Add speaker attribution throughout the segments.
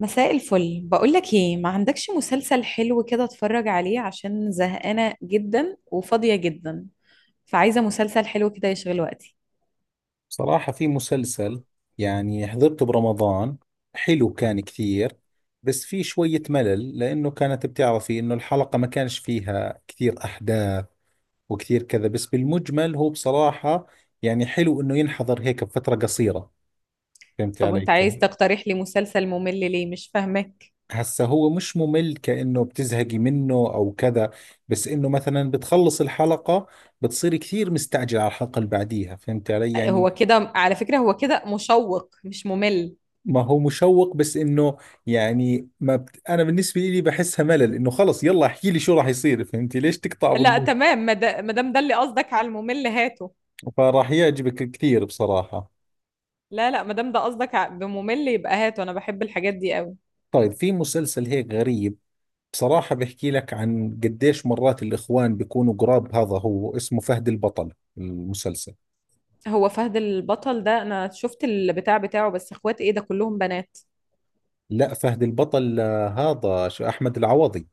Speaker 1: مساء الفل. بقولك ايه، ما عندكش مسلسل حلو كده اتفرج عليه عشان زهقانة جدا وفاضية جدا، فعايزة مسلسل حلو كده يشغل وقتي.
Speaker 2: صراحة في مسلسل، يعني حضرته برمضان، حلو كان كثير. بس في شوية ملل لأنه كانت بتعرفي إنه الحلقة ما كانش فيها كثير أحداث وكثير كذا. بس بالمجمل هو بصراحة يعني حلو إنه ينحضر هيك بفترة قصيرة. فهمت
Speaker 1: طب
Speaker 2: علي
Speaker 1: وانت عايز
Speaker 2: كيف؟
Speaker 1: تقترح لي مسلسل ممل ليه؟ مش فاهمك.
Speaker 2: هسا هو مش ممل كأنه بتزهقي منه أو كذا، بس إنه مثلا بتخلص الحلقة بتصيري كثير مستعجلة على الحلقة اللي بعديها. فهمت علي يعني.
Speaker 1: هو كده على فكرة، هو كده مشوق مش ممل.
Speaker 2: ما هو مشوق، بس انه يعني ما بت... انا بالنسبه لي بحسها ملل، انه خلص يلا احكي لي شو راح يصير. فهمتي ليش تقطع
Speaker 1: لا
Speaker 2: بالنص.
Speaker 1: تمام، ما دام ده اللي قصدك على الممل هاته.
Speaker 2: فراح يعجبك كثير بصراحه.
Speaker 1: لا لا، ما دام ده قصدك بممل يبقى هاته، انا بحب الحاجات دي قوي.
Speaker 2: طيب في مسلسل هيك غريب، بصراحه بحكي لك عن قديش مرات الاخوان بيكونوا قراب. هذا هو اسمه فهد البطل المسلسل.
Speaker 1: هو فهد البطل ده انا شفت البتاع بتاعه، بس اخوات ايه ده كلهم بنات؟
Speaker 2: لا فهد البطل، هذا شو احمد العوضي.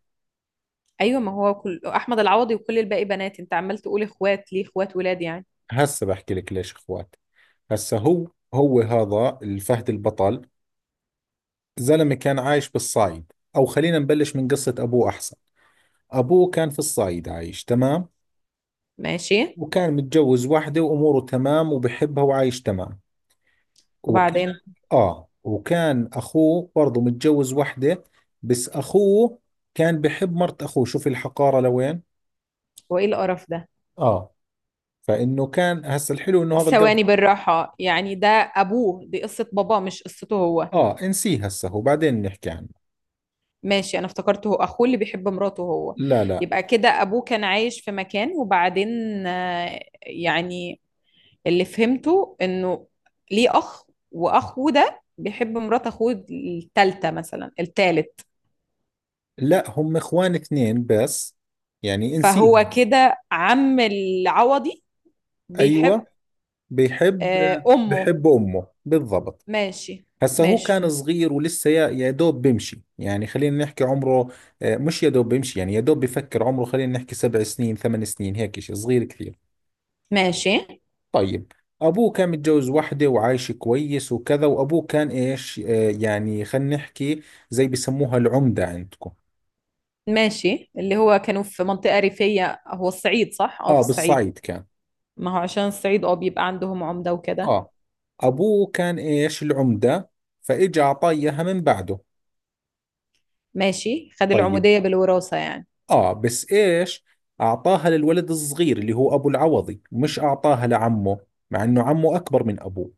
Speaker 1: ايوه، ما هو كل احمد العوضي وكل الباقي بنات، انت عمال تقول اخوات ليه؟ اخوات ولاد يعني؟
Speaker 2: هسه بحكي لك ليش اخوات. هسه هو، هذا الفهد البطل، زلمة كان عايش بالصايد. أو خلينا نبلش من قصة أبوه أحسن. أبوه كان في الصايد عايش تمام،
Speaker 1: ماشي.
Speaker 2: وكان متجوز واحدة وأموره تمام وبحبها وعايش تمام. وكان،
Speaker 1: وبعدين؟
Speaker 2: وكان أخوه برضه متجوز واحدة، بس أخوه كان بحب مرت أخوه. شوف الحقارة لوين.
Speaker 1: هو ايه القرف ده؟
Speaker 2: آه. فإنه كان هسا الحلو إنه هذا القرض.
Speaker 1: ثواني بالراحه، يعني ده ابوه، دي قصه باباه مش قصته هو؟
Speaker 2: آه انسيه، هسا هو بعدين نحكي عنه.
Speaker 1: ماشي، انا افتكرته هو اخوه اللي بيحب مراته هو.
Speaker 2: لا لا.
Speaker 1: يبقى كده ابوه كان عايش في مكان وبعدين آه، يعني اللي فهمته انه ليه اخ، واخوه ده بيحب مرات اخوه التالتة مثلا التالت؟
Speaker 2: لا هم إخوان اثنين بس. يعني انسيه.
Speaker 1: فهو كده عم العوضي بيحب
Speaker 2: ايوه. بيحب
Speaker 1: آه، أمه؟
Speaker 2: بيحب أمه بالضبط.
Speaker 1: ماشي.
Speaker 2: هسا هو
Speaker 1: ماشي.
Speaker 2: كان صغير، ولسه يا دوب بيمشي. يعني خلينا نحكي عمره، مش يا دوب بيمشي يعني يا دوب بفكر عمره. خلينا نحكي 7 سنين 8 سنين، هيك شيء صغير كثير.
Speaker 1: ماشي.
Speaker 2: طيب، أبوه كان متجوز وحده وعايش كويس وكذا. وأبوه كان إيش، يعني خلينا نحكي زي بسموها العمدة عندكم.
Speaker 1: ماشي اللي هو كانوا في منطقة ريفية، هو الصعيد صح؟ اه في
Speaker 2: آه
Speaker 1: الصعيد.
Speaker 2: بالصعيد كان.
Speaker 1: ما هو عشان الصعيد اه بيبقى عندهم عمدة وكده.
Speaker 2: آه، أبوه كان إيش العمدة، فإجا أعطاه إياها من بعده.
Speaker 1: ماشي، خد
Speaker 2: طيب.
Speaker 1: العمودية بالوراثة يعني.
Speaker 2: آه بس إيش، أعطاها للولد الصغير اللي هو أبو العوضي، مش أعطاها لعمه، مع إنه عمه أكبر من أبوه.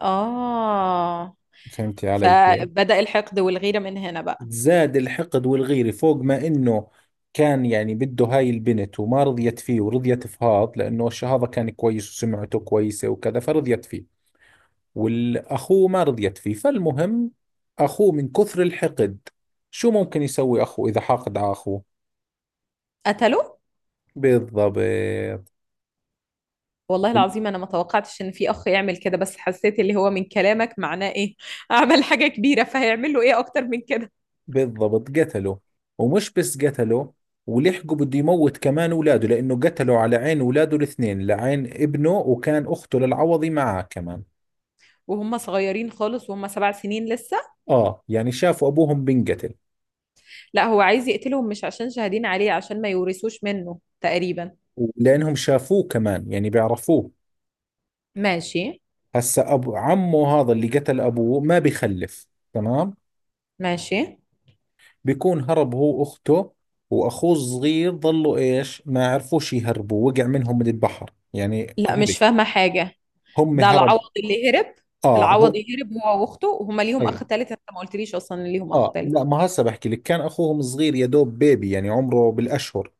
Speaker 1: اه.
Speaker 2: فهمتي علي كيف.
Speaker 1: فبدأ الحقد والغيرة من هنا بقى؟
Speaker 2: زاد الحقد والغيرة فوق ما إنه كان يعني بده هاي البنت وما رضيت فيه، ورضيت فهاض لأنه هذا كان كويس وسمعته كويسة وكذا فرضيت فيه، والأخوه ما رضيت فيه. فالمهم، أخوه من كثر الحقد، شو ممكن يسوي أخوه إذا حاقد على أخوه؟
Speaker 1: قتله؟
Speaker 2: بالضبط.
Speaker 1: والله العظيم انا ما توقعتش ان في اخ يعمل كده، بس حسيت اللي هو من كلامك معناه ايه عمل حاجة كبيرة، فهيعمل له ايه اكتر من كده.
Speaker 2: بالضبط قتله. ومش بس قتله، ولحقه بده يموت كمان اولاده، لانه قتله على عين اولاده الاثنين، لعين ابنه، وكان اخته للعوضي معاه كمان.
Speaker 1: وهم صغيرين خالص، وهم 7 سنين لسه؟
Speaker 2: اه يعني شافوا ابوهم بنقتل.
Speaker 1: لا، هو عايز يقتلهم مش عشان شاهدين عليه، عشان ما يورثوش منه تقريبا.
Speaker 2: ولانهم شافوه كمان يعني بيعرفوه.
Speaker 1: ماشي.
Speaker 2: هسا ابو عمه هذا اللي قتل ابوه ما بيخلف. تمام.
Speaker 1: ماشي.
Speaker 2: بيكون هرب هو واخته، واخوه الصغير ظلوا ايش، ما عرفوش يهربوا، وقع منهم من البحر يعني
Speaker 1: لا
Speaker 2: غرق.
Speaker 1: مش فاهمة حاجة.
Speaker 2: هم
Speaker 1: ده العوض
Speaker 2: هرب.
Speaker 1: اللي هرب؟
Speaker 2: اه
Speaker 1: العوض
Speaker 2: هو.
Speaker 1: هرب هو واخته، وهما ليهم اخ
Speaker 2: أيوة.
Speaker 1: تالت؟ انت ما قلتليش اصلا إن ليهم اخ
Speaker 2: اه
Speaker 1: تالت.
Speaker 2: لا، ما هسه بحكي لك، كان اخوهم صغير يا دوب بيبي، يعني عمره بالاشهر.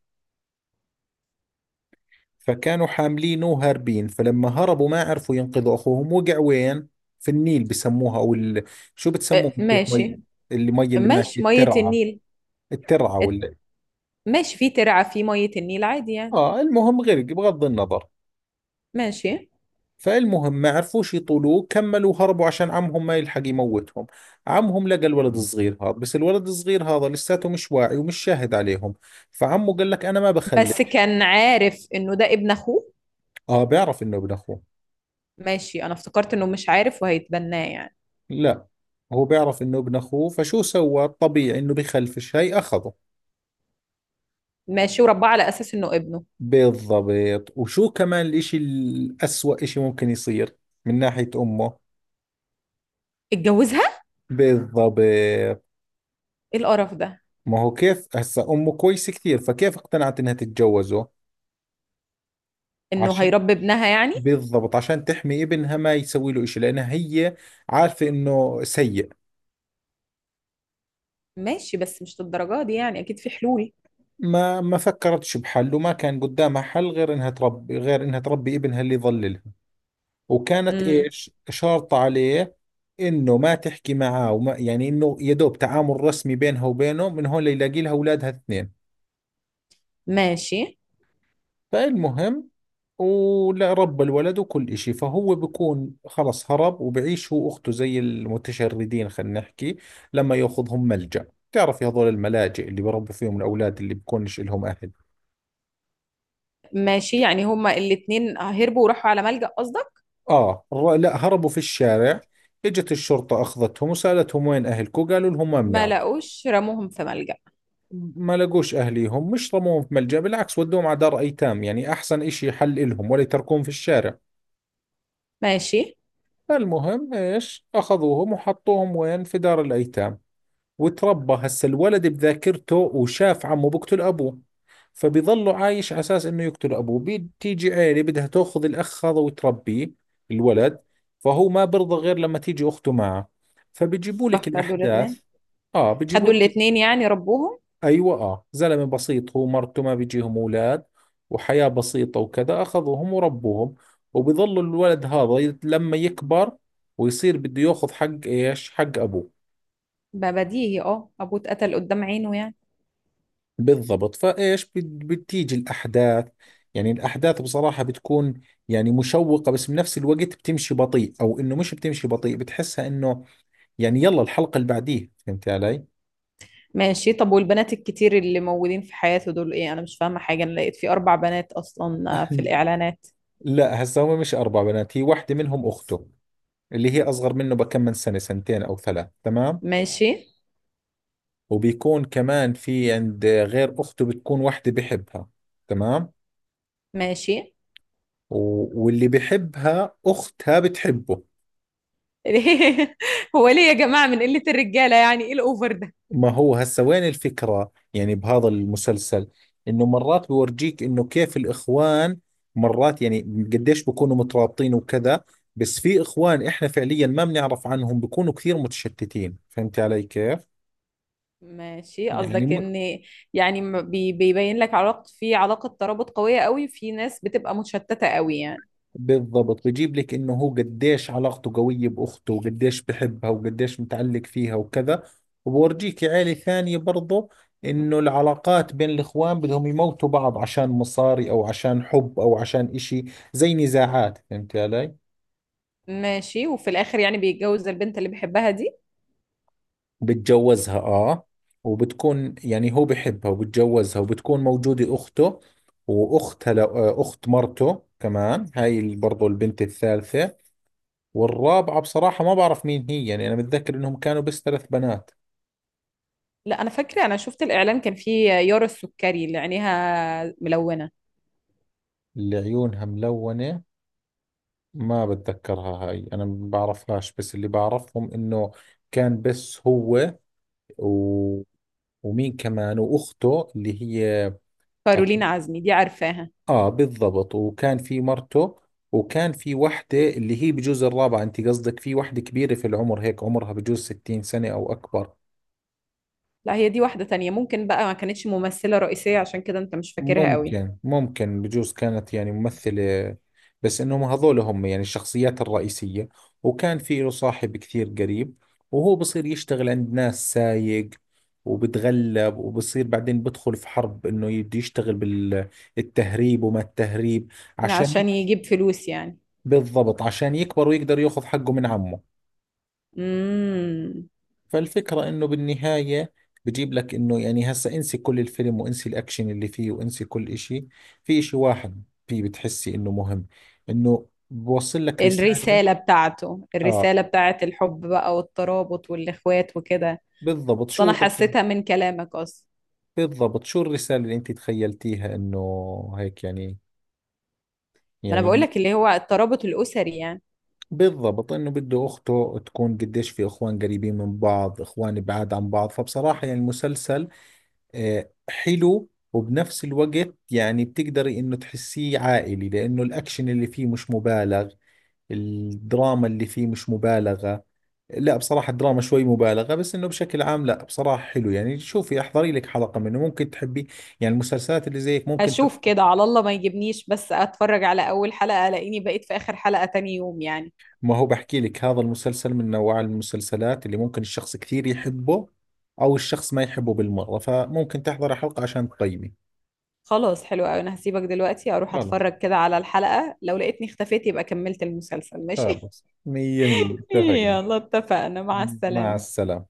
Speaker 2: فكانوا حاملينه وهاربين، فلما هربوا ما عرفوا ينقذوا اخوهم، وقع وين، في النيل بسموها شو بتسموها
Speaker 1: أه،
Speaker 2: انتوا، المي
Speaker 1: ماشي.
Speaker 2: اللي مي اللي ماشي،
Speaker 1: ماشي مية
Speaker 2: الترعه،
Speaker 1: النيل.
Speaker 2: الترعه
Speaker 1: ات-
Speaker 2: ولا.
Speaker 1: ماشي، في ترعة في مية النيل عادي يعني.
Speaker 2: اه المهم غرق بغض النظر.
Speaker 1: ماشي.
Speaker 2: فالمهم ما عرفوش يطولوه، كملوا هربوا عشان عمهم ما يلحق يموتهم. عمهم لقى الولد الصغير هذا، بس الولد الصغير هذا لساته مش واعي ومش شاهد عليهم. فعمه قال لك انا ما بخلي.
Speaker 1: بس كان عارف انه ده ابن اخوه؟
Speaker 2: اه بيعرف انه ابن اخوه.
Speaker 1: ماشي، انا افتكرت انه مش عارف وهيتبناه يعني.
Speaker 2: لا، هو بيعرف انه ابن اخوه، فشو سوى الطبيعي، انه بخلف الشيء اخذه.
Speaker 1: ماشي، ورباه على اساس انه ابنه.
Speaker 2: بالضبط. وشو كمان الاشي الاسوأ اشي ممكن يصير من ناحية امه.
Speaker 1: اتجوزها؟
Speaker 2: بالضبط.
Speaker 1: ايه القرف ده؟
Speaker 2: ما هو كيف هسا، امه كويسة كثير، فكيف اقتنعت انها تتجوزه؟
Speaker 1: انه
Speaker 2: عشان،
Speaker 1: هيربي ابنها يعني.
Speaker 2: بالضبط عشان تحمي ابنها ما يسوي له اشي، لانها هي عارفة انه سيء.
Speaker 1: ماشي، بس مش للدرجة دي يعني، أكيد في حلول.
Speaker 2: ما فكرتش بحل، وما كان قدامها حل غير انها تربي ابنها اللي يضللها. وكانت
Speaker 1: امم.
Speaker 2: ايش شرط عليه، انه ما تحكي معاه وما يعني انه يا دوب تعامل رسمي بينها وبينه، من هون ليلاقي لها اولادها اثنين.
Speaker 1: ماشي.
Speaker 2: فالمهم، ولا رب الولد وكل إشي. فهو بكون خلص هرب وبعيش هو وأخته زي المتشردين خلينا نحكي، لما يأخذهم ملجأ. تعرف هذول الملاجئ اللي بربوا فيهم الأولاد اللي بكونش لهم أهل.
Speaker 1: ماشي، يعني هما الاتنين هربوا وراحوا على ملجأ قصدك؟
Speaker 2: لا هربوا في الشارع، إجت الشرطة أخذتهم وسألتهم وين أهلكم، قالوا لهم ما
Speaker 1: ما
Speaker 2: بنعرف.
Speaker 1: لقوش رموهم في ملجأ؟
Speaker 2: ما لقوش أهليهم، مش رموهم في ملجأ، بالعكس ودوهم على دار أيتام، يعني أحسن إشي حل إلهم ولا يتركوهم في الشارع.
Speaker 1: ماشي.
Speaker 2: فالمهم إيش، أخذوهم وحطوهم وين، في دار الأيتام. وتربى هسا الولد بذاكرته، وشاف عمه بقتل أبوه، فبيظله عايش على أساس إنه يقتل أبوه. بتيجي عيلة بدها تأخذ الأخ هذا وتربيه، الولد، فهو ما برضى غير لما تيجي أخته معه. فبيجيبوا لك
Speaker 1: فخدوا الاتنين؟
Speaker 2: الأحداث. آه بيجيبوا
Speaker 1: خدوا
Speaker 2: لك.
Speaker 1: الاتنين يعني ربوهم؟
Speaker 2: ايوه، اه، زلمه بسيط هو مرته ما بيجيهم اولاد، وحياه بسيطه وكذا، اخذوهم وربوهم. وبيظل الولد هذا لما يكبر ويصير بده ياخذ حق ايش، حق ابوه.
Speaker 1: ما بديهي، اه أبوه اتقتل قدام عينه يعني.
Speaker 2: بالضبط. فايش بتيجي الاحداث. يعني الاحداث بصراحه بتكون يعني مشوقه، بس بنفس الوقت بتمشي بطيء، او انه مش بتمشي بطيء، بتحسها انه يعني يلا الحلقه اللي بعديها. فهمت علي.
Speaker 1: ماشي. طب والبنات الكتير اللي موجودين في حياته دول ايه؟ أنا مش فاهمة حاجة، أنا لقيت في أربع بنات أصلا آه، في الإعلانات.
Speaker 2: لا هسا هم مش اربع بنات، هي واحده منهم اخته اللي هي أصغر منه بكم، من سنة سنتين أو ثلاث تمام.
Speaker 1: ماشي.
Speaker 2: وبيكون كمان في عند، غير أخته، بتكون وحدة بحبها. تمام.
Speaker 1: ماشي.
Speaker 2: واللي بحبها أختها بتحبه.
Speaker 1: هو ليه يا جماعة من قلة الرجالة يعني؟ ايه الأوفر ده؟
Speaker 2: ما هو هسا وين الفكرة يعني بهذا المسلسل، إنه مرات بورجيك إنه كيف الإخوان مرات يعني قديش بكونوا مترابطين وكذا، بس في إخوان إحنا فعليا ما بنعرف عنهم بكونوا كثير متشتتين. فهمت علي كيف؟
Speaker 1: ماشي،
Speaker 2: يعني
Speaker 1: قصدك
Speaker 2: م...
Speaker 1: ان يعني بيبين لك علاقة، في علاقة ترابط قوية قوي، في ناس بتبقى متشتتة قوي يعني؟
Speaker 2: بالضبط، بيجيب لك انه هو قديش علاقته قوية باخته وقديش بحبها وقديش متعلق فيها وكذا. وبورجيك عيلة ثانية برضه، انه العلاقات بين الاخوان بدهم يموتوا بعض عشان مصاري او عشان حب او عشان اشي زي نزاعات. فهمت علي.
Speaker 1: ماشي. وفي الاخر يعني بيتجوز البنت اللي بيحبها دي؟
Speaker 2: بتجوزها اه. وبتكون يعني هو بحبها وبتجوزها، وبتكون موجودة اخته، واختها اخت مرته كمان هاي برضه البنت الثالثة. والرابعة بصراحة ما بعرف مين هي، يعني أنا متذكر إنهم كانوا بس ثلاث بنات.
Speaker 1: لا انا فاكرة، انا شفت الاعلان كان فيه يارا السكري اللي عينيها ملونة.
Speaker 2: اللي عيونها ملونة ما بتذكرها هاي، أنا ما بعرفهاش. بس اللي بعرفهم إنه كان بس هو، و... ومين كمان، وأخته اللي هي
Speaker 1: كارولين
Speaker 2: أت-
Speaker 1: عزمي دي عارفاها.
Speaker 2: آه بالضبط، وكان في مرته، وكان في وحدة اللي هي بجوز الرابعة. أنت قصدك في وحدة كبيرة في العمر هيك عمرها بجوز 60 سنة أو أكبر.
Speaker 1: لا، هي دي واحدة تانية، ممكن بقى ما كانتش ممثلة رئيسية عشان كده انت مش فاكرها قوي.
Speaker 2: ممكن، بجوز كانت يعني ممثلة، بس انهم هذول هم يعني الشخصيات الرئيسية. وكان في له صاحب كثير قريب، وهو بصير يشتغل عند ناس سايق، وبتغلب وبصير بعدين بدخل في حرب انه يبدي يشتغل بالتهريب وما التهريب عشان
Speaker 1: عشان يجيب فلوس يعني.
Speaker 2: بالضبط عشان يكبر ويقدر ياخذ حقه من عمه.
Speaker 1: امم.
Speaker 2: فالفكرة انه بالنهاية بجيب لك انه، يعني هسا انسي كل الفيلم وانسي الاكشن اللي فيه وانسي كل اشي، في اشي واحد فيه بتحسي انه مهم، انه بوصل لك رسالة.
Speaker 1: الرسالة بتاعته،
Speaker 2: اه
Speaker 1: الرسالة بتاعت الحب بقى والترابط والإخوات وكده.
Speaker 2: بالضبط
Speaker 1: اصل
Speaker 2: شو
Speaker 1: انا حسيتها من كلامك اصلا.
Speaker 2: بالضبط شو الرسالة اللي انت تخيلتيها انه هيك يعني،
Speaker 1: ما انا
Speaker 2: يعني،
Speaker 1: بقولك اللي هو الترابط الأسري يعني.
Speaker 2: بالضبط انه بده اخته تكون قديش في اخوان قريبين من بعض، اخوان بعاد عن بعض. فبصراحة يعني المسلسل آه، حلو، وبنفس الوقت يعني بتقدري انه تحسيه عائلي، لانه الاكشن اللي فيه مش مبالغ، الدراما اللي فيه مش مبالغة. لا بصراحة الدراما شوي مبالغة، بس انه بشكل عام لا بصراحة حلو. يعني شوفي احضري لك حلقة منه ممكن تحبي، يعني المسلسلات اللي زيك ممكن شخص.
Speaker 1: هشوف كده، على الله ما يجيبنيش، بس اتفرج على اول حلقة الاقيني بقيت في اخر حلقة تاني يوم يعني.
Speaker 2: ما هو بحكي لك، هذا المسلسل من نوع المسلسلات اللي ممكن الشخص كثير يحبه او الشخص ما يحبه بالمرة، فممكن تحضري حلقة عشان تقيمي.
Speaker 1: خلاص حلو قوي، انا هسيبك دلوقتي اروح
Speaker 2: خلاص.
Speaker 1: اتفرج كده على الحلقة، لو لقيتني اختفيت يبقى كملت المسلسل، ماشي.
Speaker 2: خلاص مية مية اتفقنا.
Speaker 1: يلا اتفقنا، مع
Speaker 2: مع
Speaker 1: السلامة.
Speaker 2: السلامة.